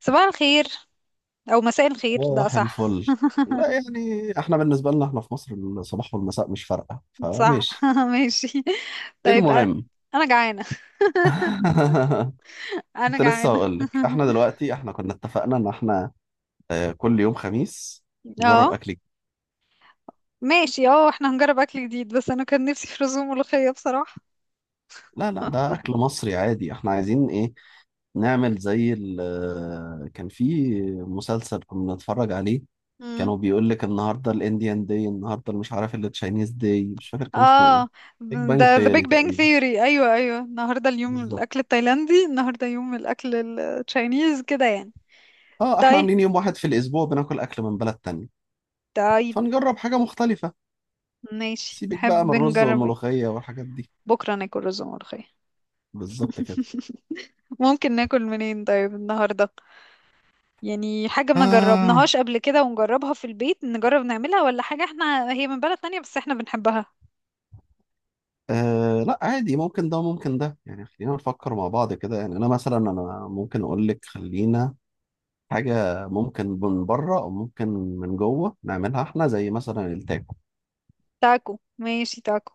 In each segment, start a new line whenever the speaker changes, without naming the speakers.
صباح الخير، او مساء الخير، لا
صباح
صح.
الفل. لا يعني احنا بالنسبة لنا احنا في مصر الصباح والمساء مش فارقة،
صح.
فماشي.
ماشي. طيب، انا
المهم،
انا جعانه. انا
كنت لسه
جعانه.
هقول لك احنا دلوقتي، احنا كنا اتفقنا ان احنا اه، كل يوم خميس نجرب
اه
اكل جديد.
ماشي. اه احنا هنجرب اكل جديد، بس انا كان نفسي في رز وملوخيه بصراحه.
لا لا، ده اكل مصري عادي، احنا عايزين ايه نعمل زي كان في مسلسل كنا بنتفرج عليه،
امم.
كانوا بيقول لك النهارده الانديان داي، النهارده اللي مش عارف اللي تشاينيز داي، مش فاكر كان اسمه ايه.
اه
بيج بانج
ده ذا بيج
تياري
بانج
تقريبا.
ثيوري. ايوه ايوه، النهارده اليوم
بالظبط.
الاكل التايلاندي، النهارده يوم الاكل التشاينيز كده يعني.
اه، احنا
طيب
عاملين يوم واحد في الاسبوع بناكل اكل من بلد تانية،
طيب.
فنجرب حاجة مختلفة.
ماشي،
سيبك بقى من
تحب
الرز
نجرب ايه؟
والملوخية والحاجات دي.
بكره ناكل رز وملوخيه.
بالظبط كده.
ممكن ناكل منين طيب النهارده؟ يعني حاجة ما
آه.
جربناهاش قبل كده ونجربها في البيت، نجرب نعملها، ولا حاجة احنا هي من بلد تانية بس احنا بنحبها.
آه لا عادي، ممكن ده وممكن ده، يعني خلينا نفكر مع بعض كده. يعني انا مثلا، ممكن اقول لك خلينا حاجة ممكن من بره او ممكن من جوه نعملها احنا، زي مثلا التاكو.
تاكو، ماشي تاكو،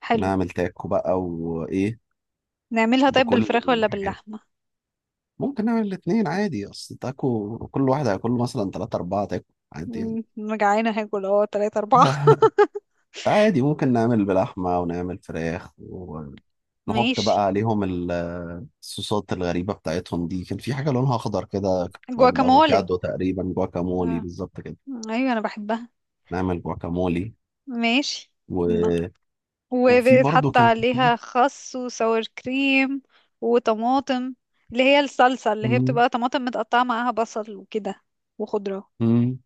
حلو.
نعمل تاكو بقى، وايه؟
نعملها طيب
بكل
بالفراخ ولا
الحاجات.
باللحمة؟
ممكن نعمل الاتنين عادي، اصل تاكو كل واحد هياكل له مثلا تلاتة اربعة تاكو، عادي يعني.
مم، أنا جعانة هاكل تلاتة أربعة.
عادي، ممكن نعمل بلحمة ونعمل فراخ، ونحط بقى
ماشي.
عليهم الصوصات الغريبة بتاعتهم دي. كان في حاجة لونها أخضر كده، كانت بتبقى
جواكامولي.
بالأفوكادو تقريبا. جواكامولي
آه،
بالظبط كده.
أيوة أنا بحبها.
نعمل جواكامولي
ماشي. ن-
و... وفي برضو
وبيتحط
كان في.
عليها خس وسور كريم وطماطم، اللي هي الصلصة، اللي هي
مم.
بتبقى طماطم متقطعة معاها بصل وكده، وخضرة.
مم.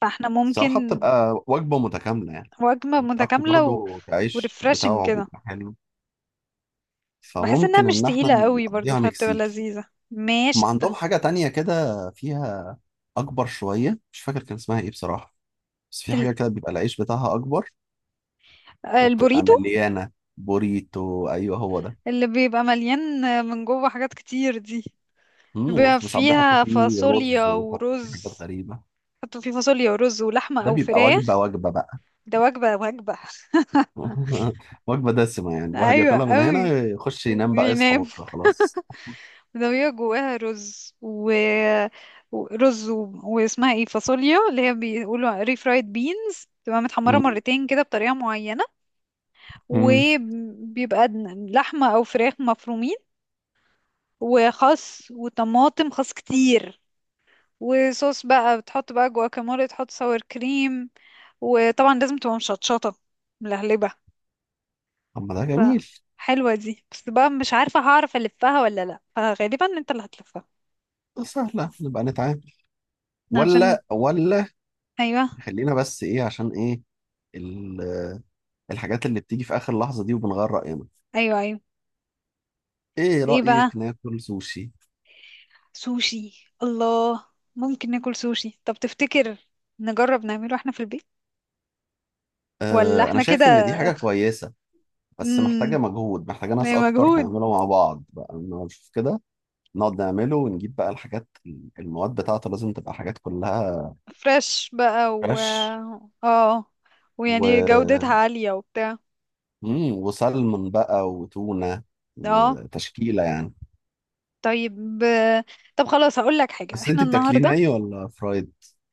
فاحنا
الصراحة
ممكن.
بتبقى وجبة متكاملة يعني.
وجبة
والتاكو
متكاملة و...
برضو العيش
وريفرشنج
بتاعه
كده.
بيبقى حلو،
بحس انها
فممكن
مش
إن إحنا
تقيلة قوي برضو،
نقضيها
فبتبقى
مكسيكي.
لذيذة.
ما
ماشي.
عندهم حاجة تانية كده فيها أكبر شوية، مش فاكر كان اسمها إيه بصراحة، بس في
ال...
حاجة كده بيبقى العيش بتاعها أكبر وبتبقى
البوريتو،
مليانة. بوريتو، أيوه هو ده.
اللي بيبقى مليان من جوه حاجات كتير دي، اللي
موز،
بيبقى
وساعات بيحطوا
فيها
فيه
فاصوليا
رز ويحطوا فيه
ورز.
حاجات غريبة.
حطوا فيه فاصوليا ورز ولحمة
ده
او
بيبقى
فراخ.
وجبة وجبة بقى.
ده وجبة وجبة.
وجبة دسمة يعني، الواحد
ايوه
ياكلها من هنا
قوي.
يخش ينام بقى، يصحى
وينام.
بكرة خلاص.
ده بيبقى جواها رز ورز و... واسمها ايه، فاصوليا، اللي هي بيقولوا ري فرايد بينز، تبقى متحمرة
مم.
مرتين كده بطريقة معينة.
مم.
وبيبقى لحمة أو فراخ مفرومين، وخس وطماطم، خس كتير، وصوص بقى، بتحط بقى جواكامولي، تحط ساور كريم، وطبعا لازم تبقى مشطشطة، ملهلبة.
طب ما ده
ف
جميل.
حلوة دي، بس بقى مش عارفة هعرف ألفها ولا لأ، فغالبا انت اللي هتلفها.
ده سهلة نبقى نتعامل،
عشان.
ولا
أيوة
خلينا بس إيه، عشان إيه ال- الحاجات اللي بتيجي في آخر لحظة دي وبنغير رأينا.
أيوة أيوة.
إيه
ايه بقى؟
رأيك ناكل سوشي؟
سوشي، الله. ممكن ناكل سوشي. طب تفتكر نجرب نعمله احنا في البيت ولا
آه، أنا
احنا كده؟
شايف إن دي حاجة كويسة، بس
امم.
محتاجة مجهود، محتاجة
ده
ناس أكتر
مجهود.
نعمله مع بعض بقى، إنه نشوف كده. نقعد نعمله ونجيب بقى الحاجات، المواد بتاعته لازم تبقى حاجات كلها
فريش بقى و
فريش
اه، ويعني جودتها
و...
عالية وبتاع.
وسلمون بقى وتونة
اه
وتشكيلة يعني.
طيب. طب خلاص، هقول لك حاجة،
بس
احنا
أنت بتاكليه
النهاردة.
ني ولا فرايد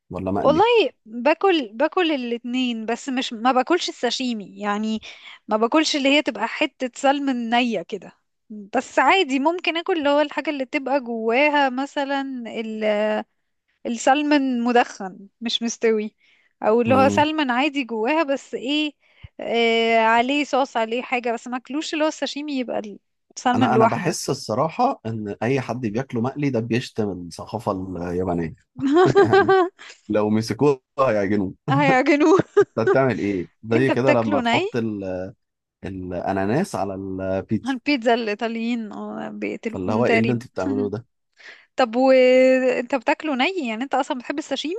ولا
والله،
مقلي؟
باكل الاتنين، بس مش، ما باكلش الساشيمي يعني. ما باكلش اللي هي تبقى حتة سلمون نية كده. بس عادي ممكن اكل اللي هو الحاجة اللي تبقى جواها، مثلا السلمون مدخن مش مستوي. او اللي هو
مم.
سلمون عادي جواها، بس ايه، آه، عليه صوص، عليه حاجة، بس ما اكلوش اللي هو الساشيمي، يبقى السلمون
أنا
لوحده.
بحس الصراحة إن أي حد بياكله مقلي ده بيشتم الثقافة اليابانية. يعني لو مسكوه هيعجنوه.
هيعجنوه.
أنت بتعمل إيه؟ زي
انت
كده لما
بتاكله ني.
تحط الاناناس على البيتزا.
البيتزا الإيطاليين آه،
فاللي
بيقتلوهم
هو ايه اللي
تقريبا.
انتوا بتعملوه ده.
طب وانت بتاكله ني، يعني انت اصلا بتحب الساشيمي؟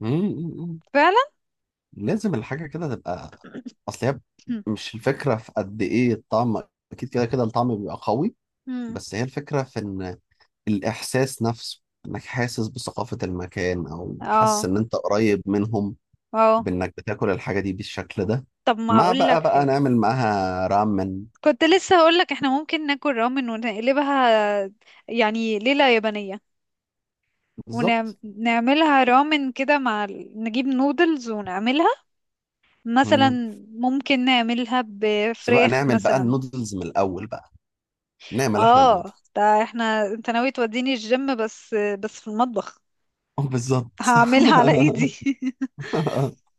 مم، مم، مم.
فعلا.
لازم الحاجه كده تبقى، اصل هي مش الفكره في قد ايه الطعم، اكيد كده كده الطعم بيبقى قوي،
مم.
بس هي الفكره في ان الاحساس نفسه انك حاسس بثقافه المكان، او حاسس
اه
ان انت قريب منهم
اه.
بانك بتاكل الحاجه دي بالشكل ده.
طب ما
مع
هقول
بقى
لك حاجة،
نعمل معاها رامن.
كنت لسه هقولك احنا ممكن ناكل رامن ونقلبها يعني ليلة يابانية.
بالظبط.
ونعملها رامن كده مع نجيب نودلز ونعملها، مثلا
مم.
ممكن نعملها
بس بقى
بفراخ
نعمل بقى
مثلا.
النودلز من الاول بقى، نعمل احنا
اه
النودلز.
ده احنا، انت ناوي توديني الجيم، بس في المطبخ.
آه، بالظبط.
هعملها على ايدي.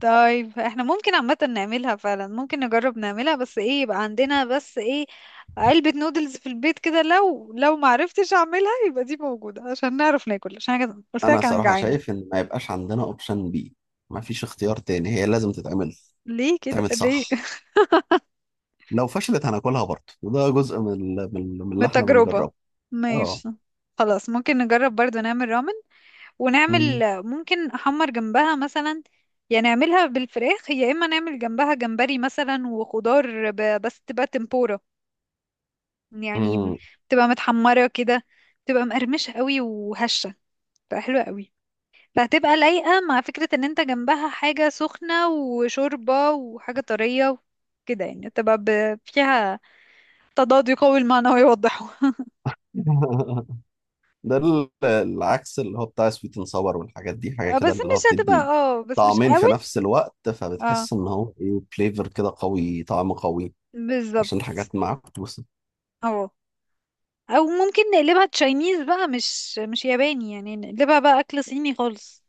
طيب احنا ممكن عامة نعملها، فعلا ممكن نجرب نعملها، بس ايه يبقى عندنا، بس ايه، علبة نودلز في البيت كده، لو معرفتش اعملها يبقى دي موجودة عشان نعرف ناكل، عشان أنا قلت
انا
لك انا
صراحة
جعانة.
شايف ان ما يبقاش عندنا اوبشن بي، ما فيش اختيار تاني، هي لازم تتعمل.
ليه كده
تتعمل
ليه؟
صح. لو فشلت هناكلها برضه، وده جزء من اللي احنا
بالتجربة.
بنجربه. اه.
ماشي. خلاص ممكن نجرب برضو نعمل رامن، ونعمل
مم.
ممكن احمر جنبها مثلا، يعني نعملها بالفراخ، يا اما نعمل جنبها جمبري مثلا وخضار، بس تبقى تمبورا يعني،
مم.
بتبقى متحمرة كده، بتبقى مقرمشة قوي وهشة، بتبقى حلوة قوي، فهتبقى لايقة مع فكرة ان انت جنبها حاجة سخنة وشوربة وحاجة طرية، كده يعني تبقى فيها تضاد يقوي المعنى ويوضحه.
ده العكس اللي هو بتاع سويت اند صور والحاجات دي، حاجة
آه،
كده
بس
اللي هو
مش هتبقى،
بتدي
بس مش
طعمين في
قوي.
نفس الوقت،
اه
فبتحس ان هو ايه، فليفر كده قوي، طعم قوي
بالظبط.
عشان الحاجات معكوسة.
اه، او ممكن نقلبها تشاينيز بقى، مش ياباني، يعني نقلبها بقى اكل صيني خالص.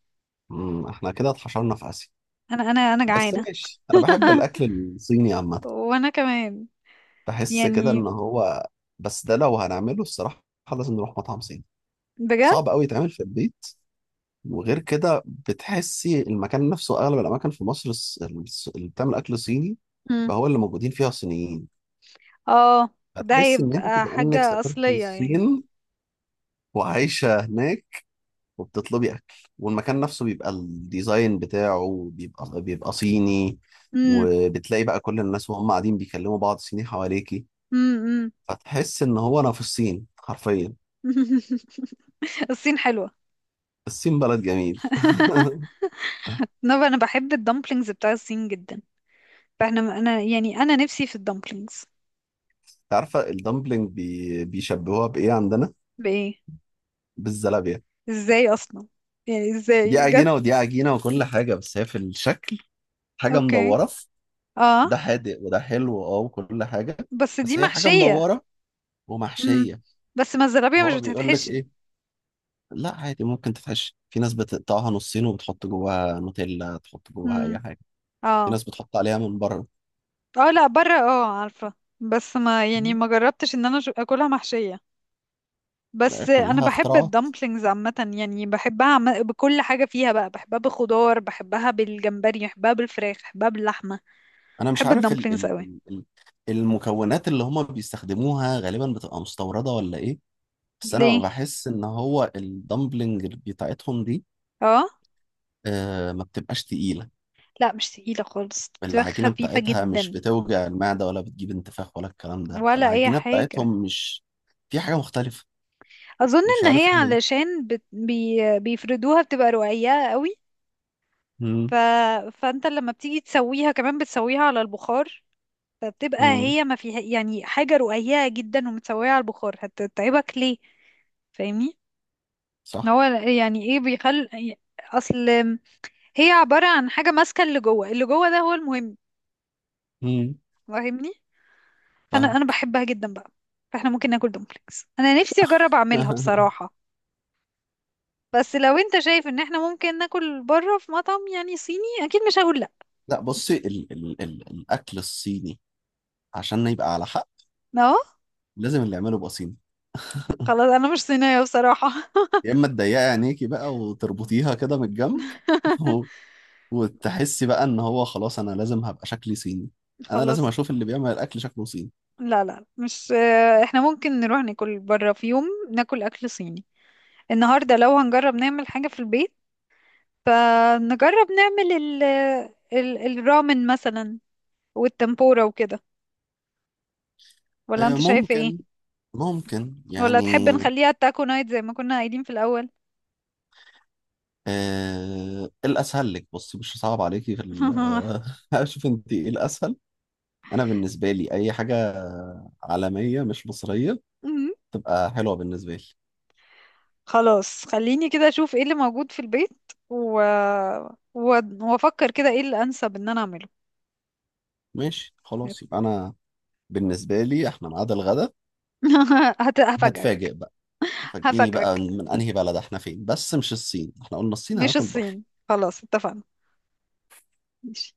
مم، احنا كده اتحشرنا في اسيا.
انا
بس
جعانه.
ماشي، انا بحب الاكل الصيني عامة.
وانا كمان.
بحس كده
يعني
ان هو، بس ده لو هنعمله الصراحه لازم نروح مطعم صيني،
بجد.
صعب قوي يتعمل في البيت. وغير كده بتحسي المكان نفسه، اغلب الاماكن في مصر اللي بتعمل اكل صيني بقى هو اللي موجودين فيها صينيين.
اه، فده
هتحسي ان انت
هيبقى
كانك
حاجة
سافرتي
أصلية يعني.
الصين وعايشه هناك، وبتطلبي اكل، والمكان نفسه بيبقى الديزاين بتاعه بيبقى صيني،
امم.
وبتلاقي بقى كل الناس وهم قاعدين بيكلموا بعض صيني حواليكي،
امم.
فتحس ان هو انا في الصين حرفيا.
الصين حلوة.
الصين بلد جميل.
نبقى، أنا بحب الدمبلينجز بتاع الصين جدا، فاحنا، أنا يعني، أنا نفسي في الدمبلينجز.
عارفة الدمبلينج بيشبهوها بإيه عندنا؟
بإيه؟
بالزلابية.
إزاي أصلا، يعني
دي
إزاي جت؟
عجينة ودي عجينة وكل حاجة، بس هي في الشكل حاجة
أوكي.
مدورة،
اه.
ده حادق وده حلو، اه وكل حاجة،
بس دي
بس هي حاجة
محشية.
مدورة
امم.
ومحشية.
بس ما الزرابية مش
هو بيقول لك
بتتحشي.
إيه؟ لا عادي ممكن تتحشي، في ناس بتقطعها نصين وبتحط جواها نوتيلا، تحط جواها
امم.
أي حاجة، في
اه
ناس بتحط عليها من بره.
اه لا، بره، عارفة، بس ما يعني
م،
ما جربتش ان انا اكلها محشية. بس انا
كلها
بحب
اختراعات.
الدمبلينجز عامه، يعني بحبها، بكل حاجه فيها بقى، بحبها بخضار، بحبها بالجمبري، بحبها بالفراخ، بحبها باللحمه.
انا مش
بحب
عارف
الدمبلينجز قوي.
المكونات اللي هما بيستخدموها غالبا بتبقى مستوردة ولا ايه، بس انا
ليه.
بحس ان هو الدمبلنج بتاعتهم دي
اه
آه ما بتبقاش تقيلة.
لا، مش تقيله خالص، بتبقى
العجينة
خفيفه
بتاعتها مش
جدا.
بتوجع المعدة ولا بتجيب انتفاخ ولا الكلام ده،
ولا اي
فالعجينة
حاجه.
بتاعتهم مش في حاجة مختلفة،
اظن
مش
ان هي
عارف ايه هي.
علشان بيفردوها، بتبقى رقيقه قوي. ف...
مم.
فانت لما بتيجي تسويها كمان بتسويها على البخار، فبتبقى
مم.
هي ما فيها يعني حاجه رقيقه جدا، ومتسويه على البخار، هتتعبك ليه؟ فاهمني. هو
صح.
يعني ايه بيخل، اصل هي عبارة عن حاجة ماسكة، اللي جوه، اللي جوه ده هو المهم.
مم.
فاهمني. فانا
فاهم.
انا بحبها جدا بقى. فاحنا ممكن ناكل دومبلينجز، انا نفسي اجرب اعملها بصراحة. بس لو انت شايف ان احنا ممكن ناكل بره في مطعم يعني صيني، اكيد مش هقول لا.
لا بصي، ال ال ال الأكل الصيني عشان يبقى على حق
اه.
لازم اللي يعمله يبقى صيني.
خلاص، انا مش صينية بصراحة.
يا اما تضيقي عينيكي بقى وتربطيها كده من الجنب. وتحسي بقى ان هو خلاص انا لازم هبقى شكلي صيني، انا لازم
خلاص.
اشوف اللي بيعمل الاكل شكله صيني.
لا لا، مش، احنا ممكن نروح ناكل بره في يوم، ناكل اكل صيني. النهارده لو هنجرب نعمل حاجة في البيت، فنجرب نعمل ال الرامن مثلا، والتمبورا وكده. ولا
آه،
انت شايفة ايه؟
ممكن، ممكن
ولا تحب
يعني.
نخليها تاكو نايت زي ما كنا قايلين في الأول؟
آه، إيه الاسهل لك؟ بصي مش صعب عليكي في آه، اشوف انت ايه الاسهل. انا بالنسبه لي اي حاجه عالميه مش مصريه
مم.
تبقى حلوه بالنسبه لي.
خلاص، خليني كده اشوف ايه اللي موجود في البيت و... و... وافكر كده ايه اللي انسب ان انا اعمله.
ماشي خلاص، يبقى انا بالنسبه لي احنا ميعاد الغدا.
هفاجئك.
هتفاجئ بقى. فاجئيني
هفاجئك،
بقى من انهي بلد احنا، فين، بس مش الصين، احنا قلنا الصين
مش
هناكل بره.
الصين، خلاص اتفقنا. ماشي.